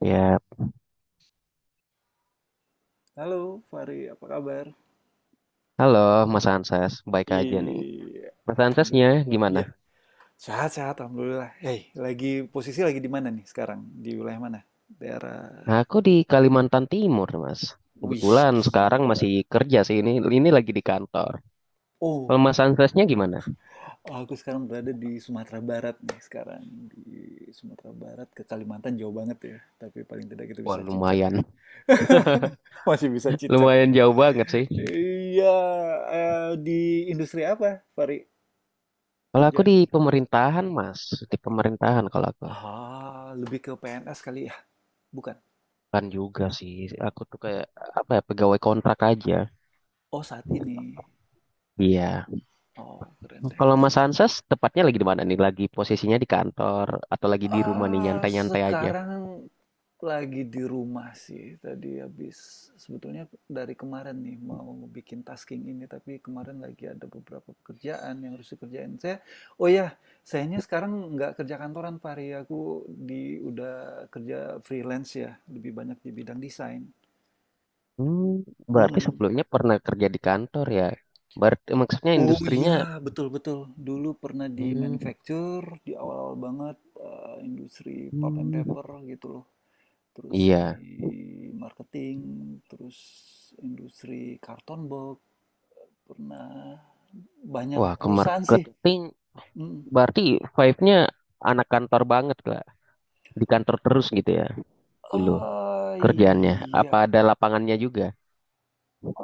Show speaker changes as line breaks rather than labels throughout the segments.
Ya,
Halo Fari, apa kabar?
halo Mas Ansas, baik aja nih.
Iya,
Mas
aduh,
Ansasnya gimana?
iya, sehat-sehat, alhamdulillah. Hei, posisi lagi di mana nih sekarang? Di wilayah mana? Daerah.
Aku di Kalimantan Timur, Mas.
Wih,
Kebetulan sekarang
gila.
masih kerja sih ini lagi di kantor.
Oh,
Kalau Mas Ansasnya gimana?
aku sekarang berada di Sumatera Barat nih sekarang di Sumatera Barat ke Kalimantan jauh banget ya, tapi paling tidak kita
Wah,
bisa cicat
lumayan,
ya. Masih bisa cicat
lumayan
nih.
jauh banget sih.
Iya, di industri apa, Fari,
Kalau aku di
kerjaan?
pemerintahan, Mas, di pemerintahan kalau aku
Ah, lebih ke PNS kali ya? Bukan.
kan juga sih. Aku tuh kayak apa ya, pegawai kontrak aja.
Oh, saat ini.
Iya.
Oh, keren deh,
Kalau
keren
Mas
deh.
Ansas tepatnya lagi di mana nih? Lagi posisinya di kantor atau lagi di rumah nih nyantai-nyantai aja?
Sekarang lagi di rumah sih. Tadi habis sebetulnya dari kemarin nih mau bikin tasking ini, tapi kemarin lagi ada beberapa pekerjaan yang harus dikerjain. Oh ya, Sayangnya sekarang nggak kerja kantoran, Fahri. Aku di udah kerja freelance ya, lebih banyak di bidang desain.
Hmm, berarti
Hmm.
sebelumnya pernah kerja di kantor ya? Berarti maksudnya
Oh
industrinya,
iya, betul-betul. Dulu pernah di
hmm,
manufacture, di awal-awal banget, industri pulp and
hmm,
paper gitu loh. Terus di
iya.
marketing, terus industri karton box, pernah banyak
Wah, ke
perusahaan sih.
marketing
Mm.
berarti vibe-nya anak kantor banget lah. Di kantor terus gitu ya dulu
Ah
kerjaannya.
iya,
Apa ada lapangannya juga?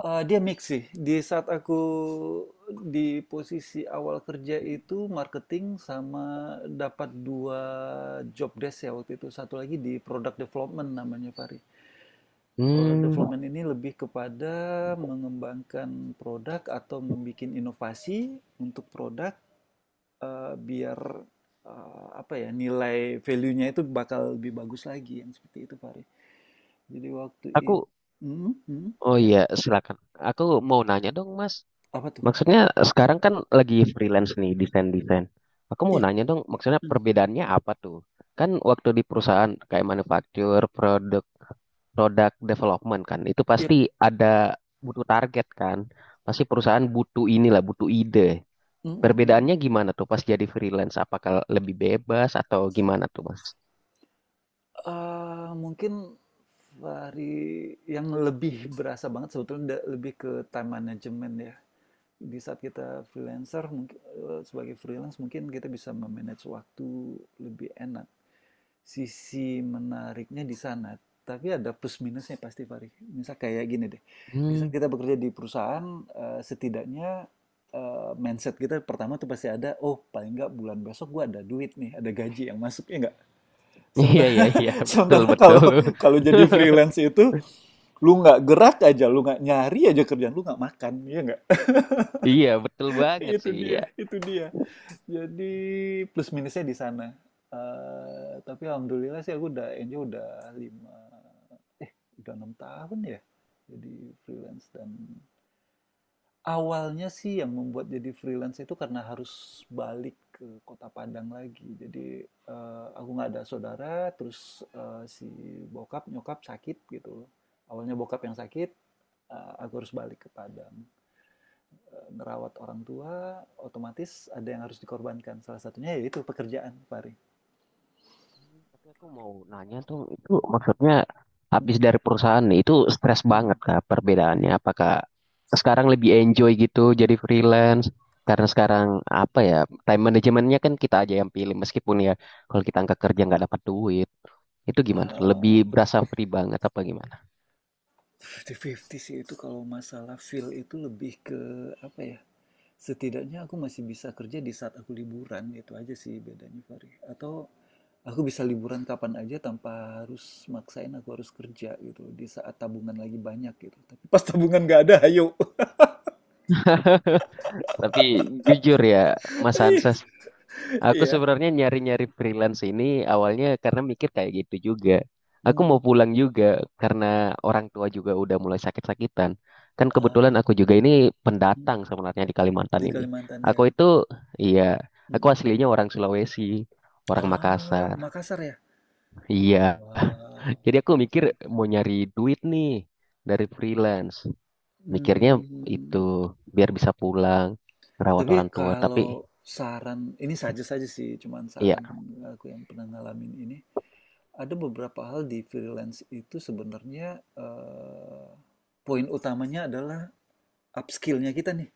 Dia mix sih. Di saat aku di posisi awal kerja itu marketing sama dapat 2 job desk ya waktu itu. Satu lagi di product development namanya, Fahri. Product
Hmm,
development ini lebih kepada mengembangkan produk atau membuat inovasi untuk produk, eee, biar, apa ya, nilai value-nya itu bakal lebih bagus lagi, yang seperti itu, Fahri. Jadi waktu itu,
aku,
mhm mhm,
oh
iya?
iya, silakan. Aku mau nanya dong, Mas.
Apa tuh apa
Maksudnya
tuh?
sekarang kan lagi freelance nih, desain-desain. Aku mau
Iya,
nanya dong, maksudnya
mmm,
perbedaannya apa tuh? Kan waktu di perusahaan kayak manufaktur, product development kan itu
iya.
pasti ada butuh target kan pasti perusahaan butuh inilah butuh ide
Mhm
perbedaannya
mhm.
gimana tuh pas jadi freelance apakah lebih bebas atau gimana tuh mas
Mungkin dari yang lebih berasa banget sebetulnya da lebih ke time management ya. Di saat kita freelancer sebagai freelance mungkin kita bisa me-manage waktu lebih enak. Sisi menariknya di sana, tapi ada plus minusnya pasti Fahri. Misal kayak gini deh, di saat
hmm.
kita bekerja di perusahaan, setidaknya, mindset kita pertama tuh pasti ada, "Oh, paling nggak bulan besok gue ada duit nih, ada gaji yang masuk." Ya nggak?
Iya
Sementara,
iya iya betul
sementara kalau
betul.
kalau jadi freelance itu lu nggak gerak aja, lu nggak nyari aja kerjaan, lu nggak makan, ya nggak?
Iya betul banget
Itu
sih iya.
dia, itu dia. Jadi plus minusnya di sana. Eh, tapi alhamdulillah sih aku udah enjoy udah lima, eh udah 6 tahun ya jadi freelance dan awalnya sih yang membuat jadi freelance itu karena harus balik ke Kota Padang lagi. Jadi, aku nggak ada saudara, terus, si bokap, nyokap sakit gitu. Awalnya bokap yang sakit, aku harus balik ke Padang. Ngerawat orang tua, otomatis ada yang harus dikorbankan. Salah satunya yaitu pekerjaan, Fahri.
Hmm, tapi aku mau nanya tuh, itu maksudnya
Mhm
habis dari perusahaan itu stres
mhm.
banget kah perbedaannya? Apakah sekarang lebih enjoy gitu jadi freelance? Karena sekarang apa ya, time manajemennya kan kita aja yang pilih meskipun ya kalau kita angkat kerja nggak dapat duit, itu gimana? Lebih
Mmm,
berasa free banget apa gimana?
fifty-fifty sih itu kalau masalah feel itu lebih ke apa ya, setidaknya aku masih bisa kerja di saat aku liburan, itu aja sih bedanya, Fahri. Atau aku bisa liburan kapan aja tanpa harus maksain aku harus kerja gitu di saat tabungan lagi banyak gitu. Tapi pas tabungan nggak ada, ayo.
Tapi jujur ya, Mas Anses, aku
Iya.
sebenarnya nyari-nyari freelance ini awalnya karena mikir kayak gitu juga. Aku
Hmm.
mau pulang juga karena orang tua juga udah mulai sakit-sakitan. Kan kebetulan
Ah,
aku juga ini
hmm.
pendatang sebenarnya di Kalimantan
Di
ini.
Kalimantan ya.
Aku itu, iya, aku
Mm-mm.
aslinya orang Sulawesi, orang
Ah,
Makassar.
Makassar ya.
Iya, jadi
Wow,
aku mikir
keren keren.
mau nyari duit nih dari freelance. Mikirnya itu
Hmm,
biar bisa pulang, rawat
tapi
orang tua. Tapi
kalau saran, ini saja saja sih, cuman
iya,
saran aku yang pernah ngalamin ini. Ada beberapa hal di freelance itu sebenarnya, poin utamanya adalah upskill-nya kita nih.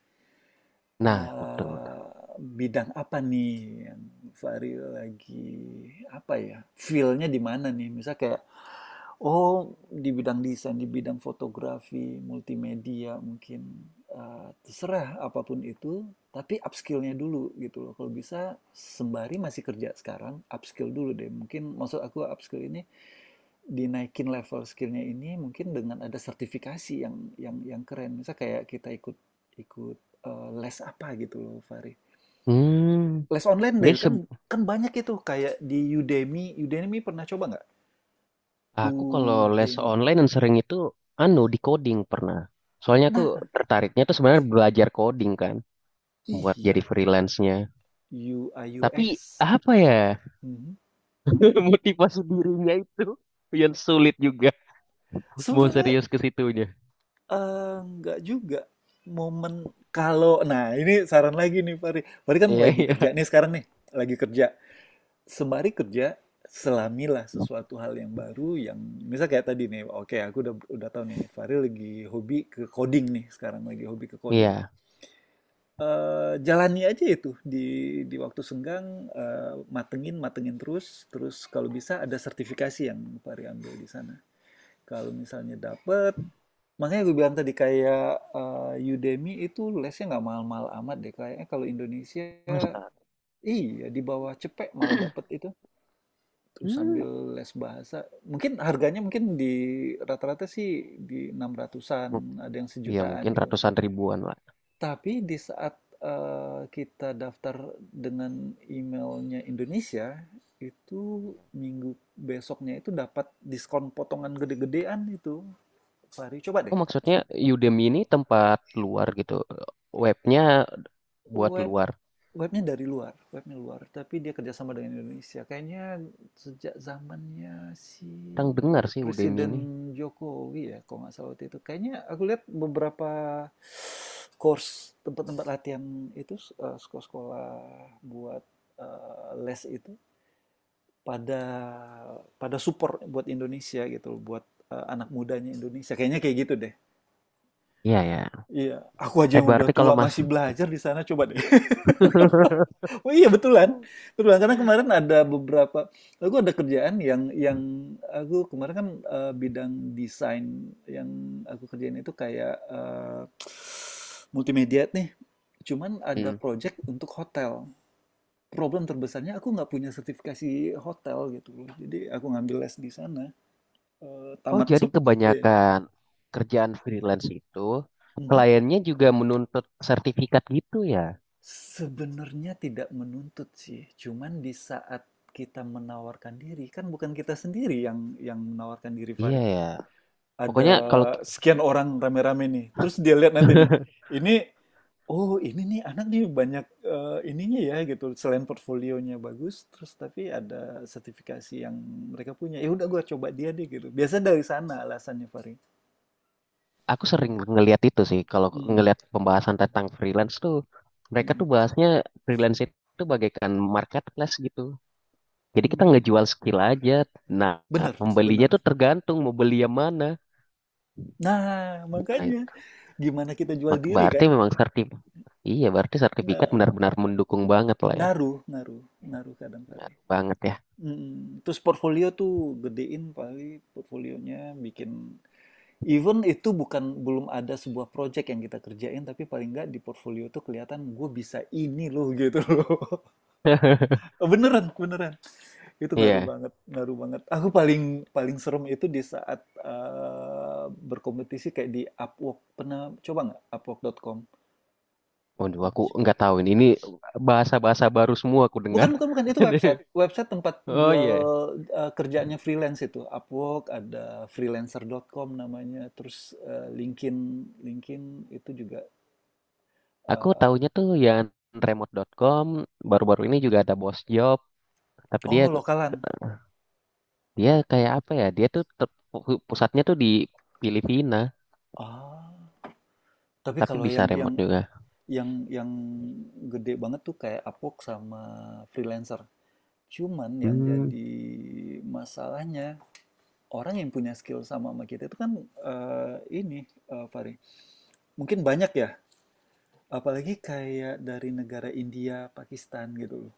nah betul.
Eh, bidang apa nih yang Fahri lagi apa ya? Feel-nya di mana nih? Misal kayak oh di bidang desain, di bidang fotografi, multimedia mungkin terserah apapun itu, tapi upskill-nya dulu gitu loh. Kalau bisa sembari masih kerja sekarang, upskill dulu deh. Mungkin maksud aku upskill ini dinaikin level skillnya ini mungkin dengan ada sertifikasi yang keren. Misal kayak kita ikut ikut eh, les apa gitu loh, Fahri.
Hmm,
Les online
jadi
deh, kan kan banyak itu kayak di Udemy. Udemy pernah coba nggak?
aku kalau les
Udemy.
online yang sering itu anu di coding pernah. Soalnya aku
Nah,
tertariknya tuh sebenarnya belajar coding kan buat
iya.
jadi freelance-nya.
U UI
Tapi
UX.
apa ya,
Mhm.
motivasi dirinya itu yang sulit juga mau
Sebenarnya
serius ke situnya.
eh, nggak juga momen kalau nah ini saran lagi nih Fahri. Fahri kan
Iya
lagi
iya
kerja nih sekarang nih, lagi kerja. Sembari kerja, selamilah sesuatu hal yang baru yang misal kayak tadi nih, okay, aku udah tahu nih Fahri lagi hobi ke coding nih sekarang lagi hobi ke coding.
iya.
Eh jalani aja itu di waktu senggang eh, matengin matengin terus terus kalau bisa ada sertifikasi yang Fahri ambil di sana. Kalau misalnya dapet makanya gue bilang tadi kayak eh, Udemy itu lesnya nggak mahal-mahal amat deh kayaknya kalau Indonesia
Masa?
iya di bawah cepek malah dapet itu terus
Hmm.
sambil les bahasa, mungkin harganya mungkin di rata-rata sih di 600-an
Mu-
ada yang
iya
sejutaan
mungkin
gitu.
ratusan ribuan lah.
Tapi di saat kita daftar dengan emailnya Indonesia, itu
Iya.
minggu besoknya itu dapat diskon potongan gede-gedean itu. Fahri, coba
Oh
deh.
maksudnya Udemy ini tempat luar gitu. Webnya buat
Web
luar.
Webnya dari luar, webnya luar, tapi dia kerjasama dengan Indonesia. Kayaknya sejak zamannya si
Orang dengar sih Udemy
Presiden
ini.
Jokowi ya, kalau nggak salah waktu itu. Kayaknya aku lihat beberapa course tempat-tempat latihan itu eh, sekolah-sekolah buat eh, les itu pada pada support buat Indonesia gitu, buat eh, anak mudanya Indonesia. Kayaknya kayak gitu deh.
Iya ya.
Iya, aku aja
Tapi
yang udah
berarti
tua
kalau mas,
masih belajar di sana coba deh. Oh iya betulan, betulan karena kemarin ada beberapa, aku ada kerjaan yang aku kemarin kan eh, bidang desain yang aku kerjain itu kayak eh, multimedia nih, cuman ada
mm.
project untuk hotel. Problem terbesarnya aku nggak punya sertifikasi hotel gitu loh, jadi aku ngambil les di sana. Eh,
Oh,
tamat
jadi
se- iya.
kebanyakan kerjaan freelance itu
Mhm.
kliennya juga menuntut sertifikat gitu ya?
Sebenarnya tidak menuntut sih, cuman di saat kita menawarkan diri, kan bukan kita sendiri yang menawarkan diri,
Iya
Fahri.
ya.
Ada
Pokoknya kalau
sekian orang rame-rame nih, terus dia lihat nanti nih, ini, oh ini nih anak nih banyak eh, ininya ya gitu, selain portfolionya bagus, terus tapi ada sertifikasi yang mereka punya. Ya udah gua coba dia deh gitu. Biasa dari sana alasannya, Fahri.
aku
Hmm,
sering ngelihat itu sih, kalau
hmm,
ngelihat pembahasan tentang freelance tuh, mereka
hmm,
tuh bahasnya freelance itu bagaikan marketplace gitu. Jadi kita
hmm.
ngejual skill aja. Nah,
Bener,
pembelinya
bener.
tuh tergantung mau beli yang mana.
Nah,
Nah,
makanya
itu.
gimana kita jual
Mak-
diri
berarti
kan?
memang sertif. Iya, berarti sertifikat
Nah,
benar-benar mendukung banget lah ya.
ngaruh, ngaruh, ngaruh kadang kali.
Banget ya.
Mm, terus portfolio tuh gedein paling portfolionya bikin even itu bukan belum ada sebuah project yang kita kerjain tapi paling nggak di portfolio tuh kelihatan gue bisa ini loh gitu loh. Beneran, beneran. Itu ngaruh
Iya.
banget, ngaruh banget. Aku paling paling serem itu di saat berkompetisi kayak di Upwork. Pernah coba nggak Upwork.com?
Waduh, aku nggak tahu ini. Ini bahasa-bahasa baru semua aku
Bukan
dengar.
bukan bukan, itu website. Website tempat
Oh
jual,
iya,
eee, kerjaannya freelance itu. Upwork, ada freelancer.com namanya, terus, LinkedIn LinkedIn itu juga,
aku
eee
taunya tuh yang remote.com baru-baru ini juga ada boss Job, tapi dia
oh, Lokalan.
dia kayak apa ya? Dia tuh ter- pu- pusatnya tuh di Filipina,
Ah tapi
tapi
kalau
bisa remote juga.
yang yang gede banget tuh kayak Upwork sama freelancer. Cuman yang
Hmm.
jadi masalahnya, orang yang punya skill sama sama kita itu kan, eee, ini, Fahri, mungkin banyak ya apalagi kayak dari negara India, Pakistan gitu loh.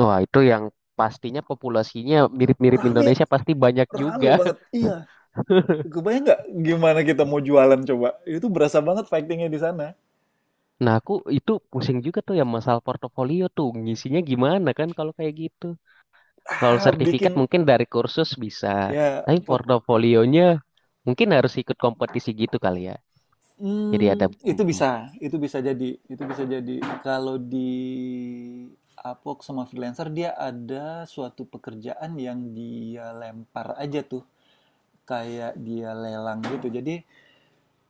Wah, itu yang pastinya populasinya mirip-mirip
Rame,
Indonesia pasti banyak
rame
juga.
banget. Iya. Kebayang nggak gimana kita mau jualan coba? Itu berasa banget fightingnya di sana.
Nah, aku itu pusing juga tuh yang masalah portofolio tuh ngisinya gimana kan kalau kayak gitu. Kalau
Ah,
sertifikat
bikin
mungkin dari kursus bisa,
ya
tapi
pot.
portofolionya mungkin harus ikut kompetisi gitu kali ya. Jadi ada,
Hmm,
mhm.
itu bisa jadi, itu bisa jadi. Kalau di Upwork sama freelancer dia ada suatu pekerjaan yang dia lempar aja tuh, kayak dia lelang gitu. Jadi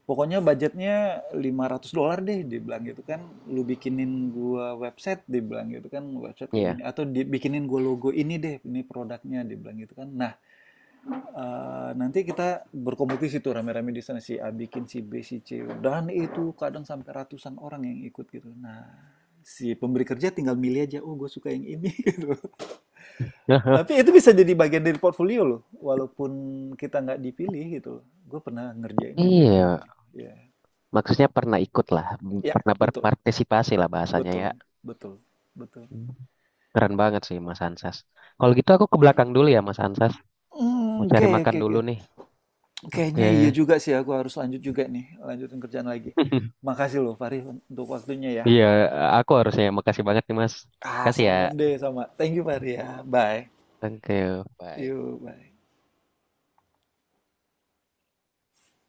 pokoknya budgetnya 500 dolar deh, dia bilang gitu kan. Lu bikinin gua website, dia bilang gitu kan. Website kayak gini.
Iya,
Atau bikinin gua logo ini deh, ini produknya, dia bilang gitu kan. Nah, nanti kita berkompetisi tuh rame-rame di sana. Si A bikin, si B, si C. Dan itu kadang sampai ratusan orang yang ikut gitu. Nah, si pemberi kerja tinggal milih aja, oh gue suka yang ini gitu. Tapi itu bisa jadi bagian dari portfolio loh, walaupun kita nggak dipilih gitu. Gue pernah ngerjain yang kayak gini.
iya,
Gitu. Ya,
maksudnya pernah ikut lah,
ya
pernah
betul.
berpartisipasi lah bahasanya
Betul,
ya.
betul, betul.
Keren banget sih Mas Ansas. Kalau gitu aku ke belakang dulu ya Mas Ansas,
Mmm,
mau cari
oke
makan
oke oke.
dulu nih. Oke,
Kayaknya iya juga sih aku harus lanjut juga nih, lanjutin kerjaan lagi. Makasih loh Fahri untuk waktunya ya.
iya, aku harusnya. Makasih banget nih Mas.
Ah,
Kasih ya.
sama deh, sama. Thank you Fahri ya. Bye.
Thank you. Bye.
Yuk, bye.